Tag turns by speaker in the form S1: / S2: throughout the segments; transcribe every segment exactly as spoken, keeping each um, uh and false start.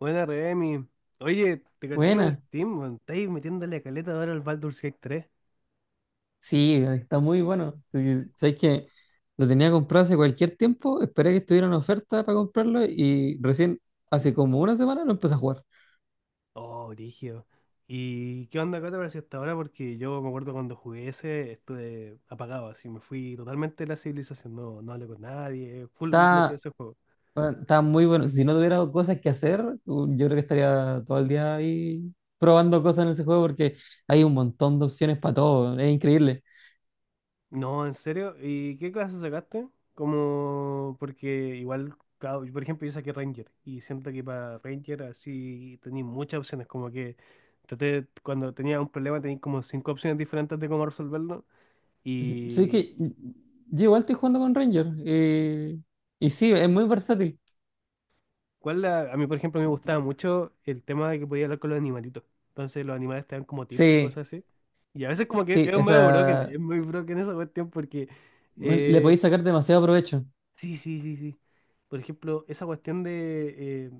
S1: Buena, Remy. Oye, te caché en el
S2: Buena,
S1: Steam, weón. Estáis metiéndole caleta ahora al Baldur's Gate tres.
S2: sí, está muy bueno. Y sabes que lo tenía comprado hace cualquier tiempo, esperé que estuviera en oferta para comprarlo y recién hace como una semana lo empecé a jugar.
S1: Oh, brígido. ¿Y qué onda acá te pareció hasta ahora? Porque yo me acuerdo cuando jugué ese, estuve apagado, así me fui totalmente de la civilización. No, no hablé con nadie, full metido en
S2: Está,
S1: ese juego.
S2: bueno, está muy bueno. Si no tuviera cosas que hacer, uh, yo creo que estaría todo el día ahí probando cosas en ese juego porque hay un montón de opciones para todo. Es increíble.
S1: No, ¿en serio? ¿Y qué clase sacaste? Como, porque igual, cada- por ejemplo, yo saqué Ranger y siento que para Ranger así tenéis muchas opciones, como que traté, cuando tenía un problema tenéis como cinco opciones diferentes de cómo resolverlo.
S2: S- Sabes
S1: Y
S2: que yo igual estoy jugando con Ranger eh, y sí, es muy versátil.
S1: cuál la- a mí, por ejemplo, me gustaba mucho el tema de que podía hablar con los animalitos. Entonces los animales te dan como tips y
S2: Sí,
S1: cosas así. Y a veces como que
S2: sí,
S1: es medio broken,
S2: esa,
S1: es muy broken esa cuestión porque...
S2: bueno, le
S1: eh,
S2: podéis sacar demasiado provecho.
S1: Sí, sí, sí, sí. Por ejemplo, esa cuestión de... eh,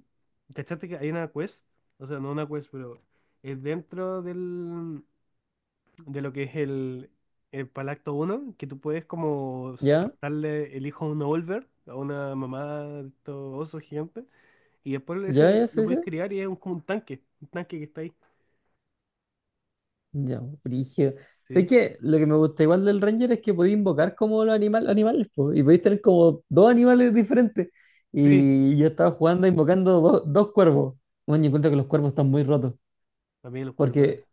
S1: ¿cachaste que hay una quest? O sea, no una quest, pero es dentro del, de lo que es el, el Palacto uno que tú puedes como
S2: Ya,
S1: raptarle el hijo a un olver a una mamá de estos osos gigantes, y después
S2: ya,
S1: ese
S2: ya,
S1: lo
S2: sí, sí.
S1: puedes criar y es un- como un tanque, un tanque que está ahí.
S2: Ya, brígido. Sé
S1: Sí,
S2: que lo que me gusta igual del Ranger es que podía invocar como los animal, animales, po, y podéis tener como dos animales diferentes.
S1: sí,
S2: Y yo estaba jugando invocando dos dos cuervos. Bueno, yo encuentro que los cuervos están muy rotos,
S1: también los cuervos.
S2: porque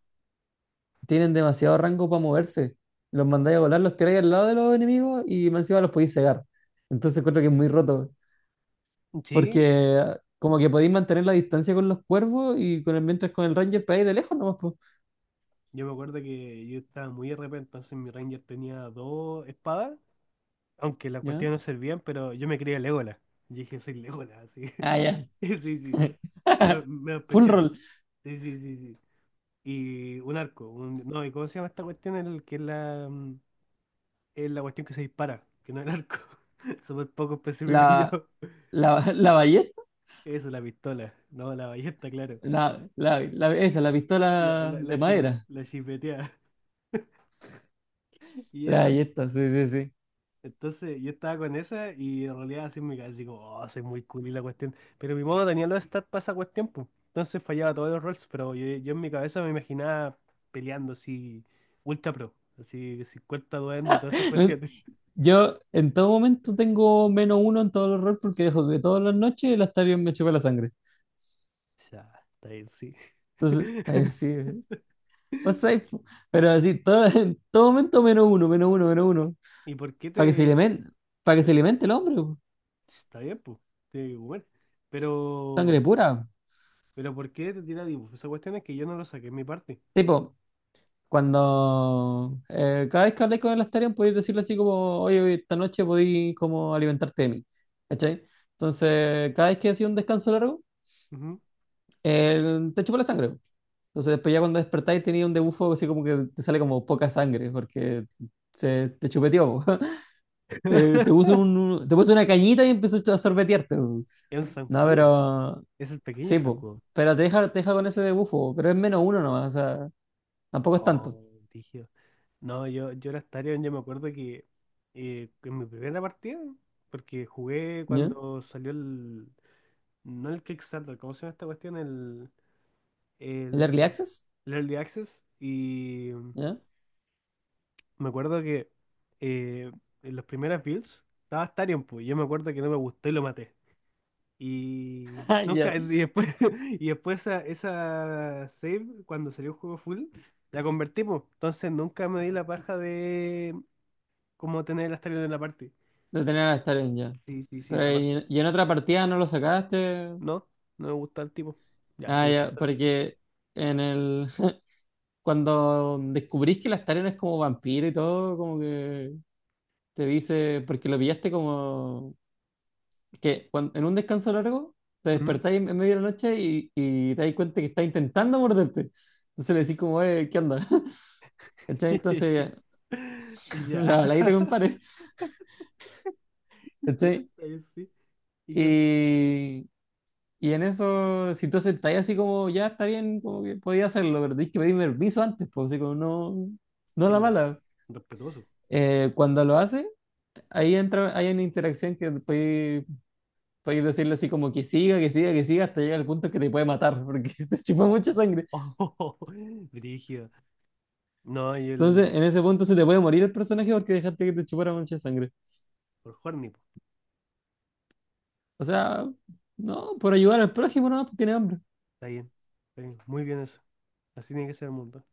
S2: tienen demasiado rango para moverse. Los mandáis a volar, los tiráis al lado de los enemigos y más encima los podéis cegar. Entonces encuentro que es muy roto,
S1: Sí,
S2: porque como que podéis mantener la distancia con los cuervos y con el, mientras con el Ranger pegáis de lejos nomás, pues.
S1: yo me acuerdo que yo estaba muy R P, entonces mi ranger tenía dos espadas. Aunque la
S2: ¿Ya?
S1: cuestión no servían, pero yo me creía Legolas. Y dije, soy Legolas, así.
S2: Ah, ya.
S1: Sí, sí. Pero medio
S2: Full
S1: especial.
S2: roll.
S1: Sí, sí, sí, sí. Y un arco. un- No, ¿y cómo se llama esta cuestión? El que es la, mm, es la cuestión que se dispara, que no es el arco. Súper poco específico yo.
S2: La, la, la ballesta,
S1: Eso, la pistola. No, la ballesta, claro.
S2: la, la, la- esa, la
S1: La,
S2: pistola
S1: la, la,
S2: de
S1: chipe-
S2: madera.
S1: la chipeteada. Y
S2: La
S1: esa,
S2: ballesta, sí, sí, sí.
S1: entonces yo estaba con esa y en realidad así me cabeza, digo, oh, soy muy cool y la cuestión. Pero mi modo tenía los stats para esa cuestión, pues. Entonces fallaba todos los rolls, pero yo, yo en mi cabeza me imaginaba peleando así, ultra pro, así cincuenta duendes y todas esas cuestiones.
S2: Yo en todo momento tengo menos uno en todos los rolls porque dejo que todas las noches el Astarion me chupa la sangre.
S1: Ya, está bien, sí.
S2: Entonces, así, no sé, po. Pero así, todo- en todo momento menos uno, menos uno, menos uno.
S1: ¿Y por qué
S2: Para que se
S1: te...?
S2: alimente, para que se alimente el hombre, po.
S1: Está bien, pues, tiene que comer.
S2: Sangre
S1: Pero,
S2: pura.
S1: pero ¿por qué te tira dibujo? Esa cuestión es que yo no lo saqué en mi parte.
S2: Tipo, cuando eh, cada vez que habléis con el Astarion podéis decirle así como, oye, oye, esta noche podéis como alimentarte de mí. ¿Cachai? Entonces, cada vez que hacía un descanso largo,
S1: Ujú.
S2: él te chupa la sangre. Entonces, después ya cuando despertáis tenía un debufo así como que te sale como poca sangre, porque se, te chupeteó. Te, te puso un- te puso una cañita y empezó a sorbetearte, po.
S1: Es un
S2: No,
S1: zancudo,
S2: pero
S1: es el pequeño
S2: sí, pues.
S1: zancudo.
S2: Pero te deja, te deja con ese debufo, pero es menos uno nomás, o sea, tampoco es tanto.
S1: Oh, dije no, yo, yo era Starion, yo me acuerdo que eh, en mi primera partida, porque jugué
S2: ¿Ya?
S1: cuando salió el. No el Kickstarter, ¿cómo se llama esta cuestión? El,
S2: ¿El
S1: el,
S2: Early Access?
S1: el Early Access. Y
S2: ¿Ya?
S1: me acuerdo que eh, en las primeras builds estaba Starion, pues yo me acuerdo que no me gustó y lo maté. Y
S2: Ya.
S1: nunca, y después, y después esa, esa save, cuando salió el juego full, la convertimos. Entonces nunca me di la paja de como tener el Astarion en la parte.
S2: De tener a Staren, ya.
S1: Sí, sí, sí,
S2: Pero
S1: aparte.
S2: y, y en otra partida no lo sacaste.
S1: No, no me gusta el tipo. Ya,
S2: Ah,
S1: súper
S2: ya,
S1: pesado, sí.
S2: porque en el cuando descubrís que la Staren es como vampiro y todo, como que te dice, porque lo pillaste como que cuan- en un descanso largo te
S1: Ujú.
S2: despertáis en en medio de la noche y, y te das cuenta que está intentando morderte. Entonces le decís como, eh, ¿qué onda? ¿Cachai? Entonces,
S1: Ya,
S2: la baladita, compadre.
S1: ya
S2: ¿Cachai?
S1: está, yo sí. ¿Y qué onda?
S2: Y, y en eso, si tú aceptáis así como, ya está bien, como que podía hacerlo, pero tenéis que pedirme permiso antes, pues así como no, no a
S1: Sí,
S2: la
S1: po,
S2: mala.
S1: respetuoso.
S2: Eh, cuando lo hace, ahí entra, hay una interacción que podéis, podéis decirle así como que siga, que siga, que siga, hasta llegar al punto que te puede matar, porque te chupa
S1: Oh,
S2: mucha sangre.
S1: oh, brígido. No, y el
S2: Entonces, en ese punto se te puede morir el personaje porque dejaste que te chupara mucha sangre.
S1: por Horny, po.
S2: O sea, no, por ayudar al prójimo, no, tiene hambre,
S1: Está bien, está bien. Muy bien eso. Así tiene que ser el mundo.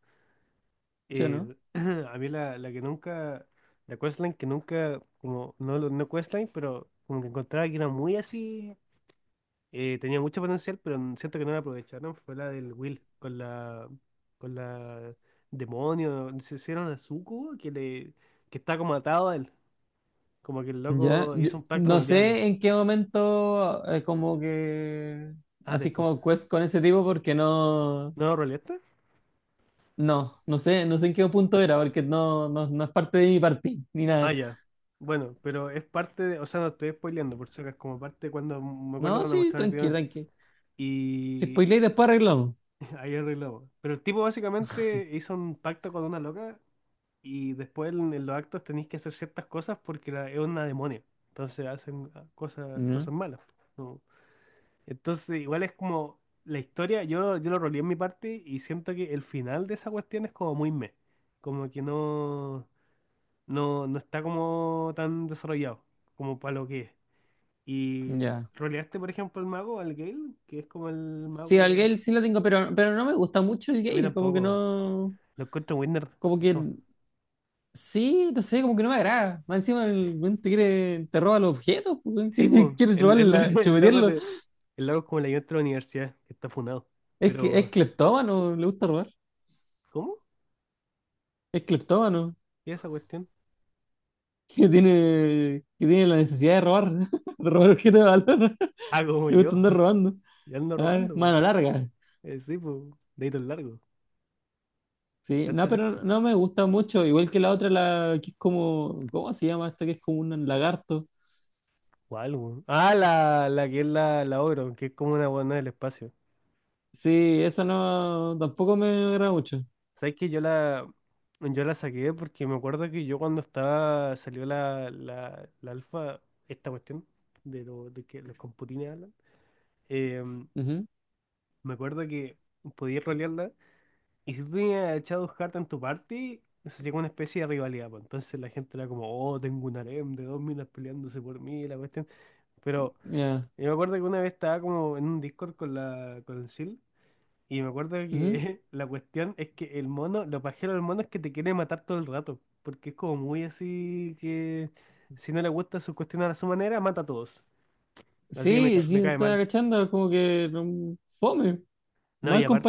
S2: ¿sí o no?
S1: Eh, a mí la, la que nunca, la questline que nunca, como, no, lo- no questline, pero como que encontraba que era muy así, eh, tenía mucho potencial, pero n- siento que no la aprovecharon, fue la del Will con la, con la demonio, se hicieron a Zuko que le, que está como atado a él, como que el
S2: Ya,
S1: loco
S2: yo
S1: hizo un pacto con
S2: no
S1: el diablo.
S2: sé en qué momento eh, como que
S1: Ah,
S2: así
S1: después.
S2: como quest con ese tipo porque no,
S1: ¿No, Roleta?
S2: no, no sé, no sé en qué punto era porque no, no, no es parte de mi partida ni
S1: Ah,
S2: nada.
S1: ya. Bueno, pero es parte de, o sea, no estoy spoileando, por si acaso, es como parte de cuando, me acuerdo
S2: No,
S1: cuando
S2: sí,
S1: mostraron el
S2: tranqui,
S1: video.
S2: tranqui. Si
S1: Y
S2: spoileáis, después arreglamos.
S1: ahí arreglamos. Pero el tipo básicamente hizo un pacto con una loca y después en, en los actos tenéis que hacer ciertas cosas porque la, es una demonia. Entonces hacen ah, cosas,
S2: Ya.
S1: cosas malas. ¿No? Entonces igual es como la historia, yo, lo- yo lo roleé en mi parte y siento que el final de esa cuestión es como muy meh. Como que no, no, no está como tan desarrollado como para lo que es. Y
S2: Ya.
S1: roleaste, por ejemplo, el mago, al Gale, que es como el
S2: Sí, al
S1: mago...
S2: Gale sí lo tengo, pero, pero no me gusta mucho el
S1: A mí
S2: Gale, como que
S1: tampoco.
S2: no,
S1: Lo encuentro winner.
S2: como que sí, no sé, como que no me agrada. Más encima el weón te quiere, te roba los objetos, pues, weón,
S1: Sí, pues,
S2: quiere, quiere
S1: el,
S2: robarle
S1: el,
S2: la,
S1: el loco
S2: chupetearlo.
S1: de, el loco es como el ayudante de la universidad, que está funado.
S2: Es que es
S1: Pero,
S2: cleptómano, le gusta robar.
S1: ¿cómo?
S2: Es cleptómano.
S1: ¿y esa cuestión?
S2: Que, tiene, que tiene la necesidad de robar, de robar objetos de valor.
S1: Ah, como
S2: Le
S1: yo,
S2: gusta andar robando.
S1: ya ando
S2: Ah,
S1: robando, po.
S2: mano larga.
S1: Eh, sí, pues, deditos largos.
S2: Sí, no,
S1: Antes, es-
S2: pero no me gusta mucho. Igual que la otra, la que es como. ¿Cómo se llama esta? Que es como un lagarto.
S1: ¿cuál, po? Ah, la, la que es la, la Ogro, que es como una buena del espacio.
S2: Sí, esa no. Tampoco me agrada mucho.
S1: ¿Sabes que yo la, yo la saqué porque me acuerdo que yo cuando estaba, salió la, la, la alfa, esta cuestión, de, lo, de que los computines hablan, eh,
S2: Ujú,
S1: me acuerdo que podía rolearla. Y si tú tenías a Shadowheart en tu party, se llegó una especie de rivalidad, pues. Entonces la gente era como, oh, tengo un harem de dos minas peleándose por mí, la cuestión. Pero
S2: ya.
S1: yo me acuerdo que una vez estaba como en un Discord con la con el Sil, y me acuerdo
S2: Ujú.
S1: que la cuestión es que el mono, lo pajero del mono es que te quiere matar todo el rato, porque es como muy así que si no le gusta su cuestión a su manera, mata a todos. Así que me,
S2: Sí,
S1: ca-
S2: sí,
S1: me
S2: se
S1: cae
S2: está
S1: mal.
S2: agachando. Como que no- fome.
S1: No, y
S2: Mal
S1: aparte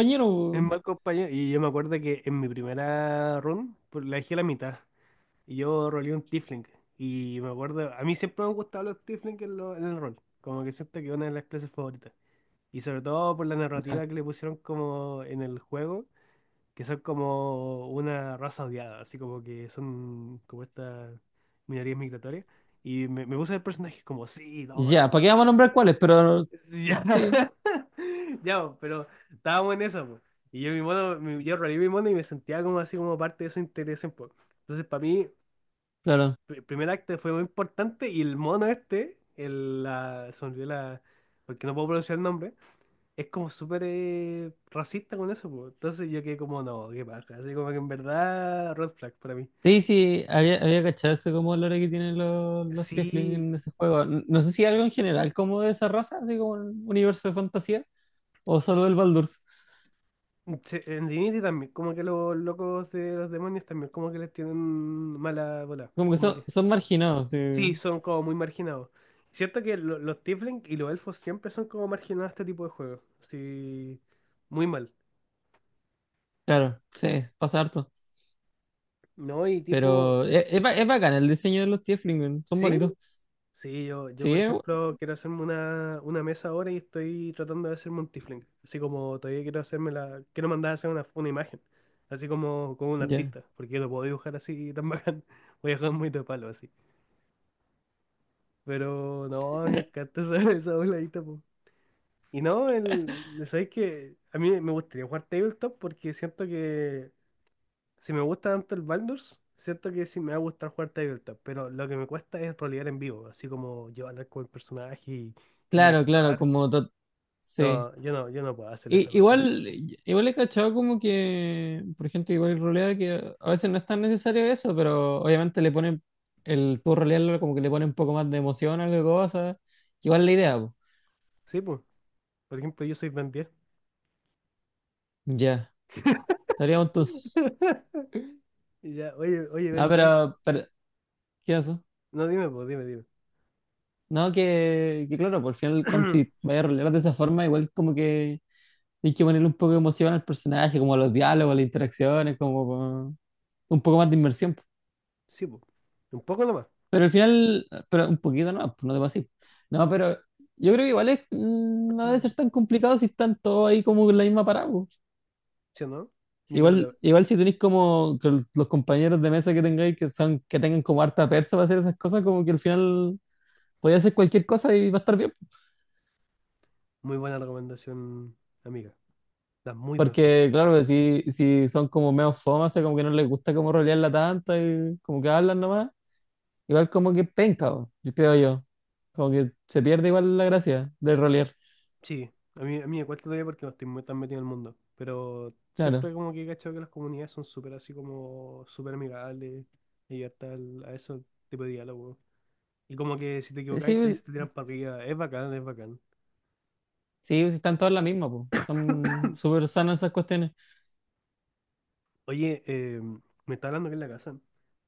S1: es mal compañero, y yo me acuerdo que en mi primera run, pues, la dejé a la mitad. Y yo roleé un tiefling. Y me acuerdo, a mí siempre me han gustado los tiefling en, lo- en el rol. Como que siento que es una de las clases favoritas. Y sobre todo por la
S2: Po.
S1: narrativa que le pusieron como en el juego, que son como una raza odiada, así como que son como estas minorías migratorias. Y me, me puse el personaje como, sí, no, yo-
S2: Ya, ¿para qué vamos a nombrar cuáles? Pero
S1: sí, ya,
S2: sí,
S1: ya, po, pero estábamos en esa, po. Y yo mi mono, mi- yo roleé mi mono y me sentía como así como parte de esa interés un. Entonces para mí
S2: claro.
S1: pr- primer acto fue muy importante y el mono este, el, la, se me olvidó la, porque no puedo pronunciar el nombre, es como súper eh, racista con eso, po. Entonces yo quedé como, no, qué paja, así como que en verdad, red flag para mí.
S2: Sí, sí, había, había cachado eso como el olor que tienen los, los Tiefling
S1: Sí,
S2: en ese juego. N- No sé si algo en general como de esa raza, así como un universo de fantasía, o solo del Baldur's.
S1: se- en Divinity también, como que los locos de los demonios también, como que les tienen mala bola,
S2: Como que
S1: como
S2: son,
S1: que,
S2: son marginados, sí.
S1: sí, son como muy marginados. Cierto que lo- los tiefling y los elfos siempre son como marginados a este tipo de juegos, sí, muy mal.
S2: Claro, sí, pasa harto.
S1: No, y tipo,
S2: Pero es, es, ba- es bacán el diseño de los Tiefling, weón, son
S1: ¿sí?
S2: bonitos.
S1: Sí, yo, yo
S2: Sí,
S1: por
S2: eh,
S1: ejemplo quiero hacerme una, una mesa ahora y estoy tratando de hacerme un tiefling. Así como todavía quiero hacerme la, quiero mandar a hacer una, una imagen, así como, como un
S2: ya.
S1: artista, porque yo no puedo dibujar así tan bacán. Voy a dejar muy de palo así. Pero no, me encanta esa, esa voladita, po. Y no, el, sabéis que a mí me gustaría jugar tabletop porque siento que si me gusta tanto el Baldur's, cierto que sí me va a gustar jugar Tabletop, pero lo que me cuesta es rolear en vivo, así como yo hablar con el personaje y, y
S2: Claro, claro,
S1: actuar.
S2: como... to- Sí.
S1: No, yo no, yo no puedo hacer
S2: I-
S1: esa cuestión.
S2: igual, igual he cachado como que, por gente que igual rolea, que a veces no es tan necesario eso, pero obviamente le ponen, el tú rolearlo como que le pone un poco más de emoción a la cosa, que igual es la idea, po.
S1: Sí, pues, por ejemplo, yo soy Ben diez.
S2: Ya, estaríamos entonces.
S1: Y ya, oye, oye,
S2: No,
S1: Ben diez.
S2: pero, pero, ¿qué pasó?
S1: No, dime, pues, dime, dime.
S2: No, que, que claro, por final, cuando si vaya a rolear de esa forma, igual como que hay que ponerle un poco de emoción al personaje, como a los diálogos, a las interacciones, como pa- un poco más de inmersión.
S1: Sí, pues, un poco nomás.
S2: Pero al final, pero un poquito no, pues no te pases. No, pero yo creo que igual es, mm, no debe
S1: Mm.
S2: ser tan complicado si están todos ahí como en la misma parada, po.
S1: ¿Sí o no?
S2: Si
S1: Yo creo que
S2: Igual,
S1: la-
S2: igual si tenéis como que los compañeros de mesa que tengáis que son, que tengan como harta persa para hacer esas cosas, como que al final podéis hacer cualquier cosa y va a estar bien.
S1: muy buena recomendación, amiga. Das muy buenas cosas.
S2: Porque claro, pues, si, si son como medio fomas, o sea, como que no les gusta como rolearla tanta y como que hablan nomás, igual como que penca, po, yo creo yo. Como que se pierde igual la gracia de rolear.
S1: Sí, a mí, a mí me cuesta todavía porque no estoy muy tan metido en el mundo, pero
S2: Claro.
S1: siempre como que he cachado que las comunidades son súper así como súper amigables y abiertas al- a ese tipo de diálogo. Y como que si te
S2: Eh,
S1: equivocáis, te,
S2: sí,
S1: te tiran para arriba. Es bacán, es bacán.
S2: sí, pues, están todas las mismas, po. Son súper sanas esas cuestiones.
S1: Oye, eh, me está hablando que en la casa.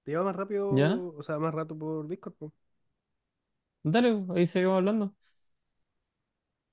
S1: Te lleva más rápido,
S2: ¿Ya?
S1: o sea, más rato por Discord.
S2: Dale, ahí seguimos hablando.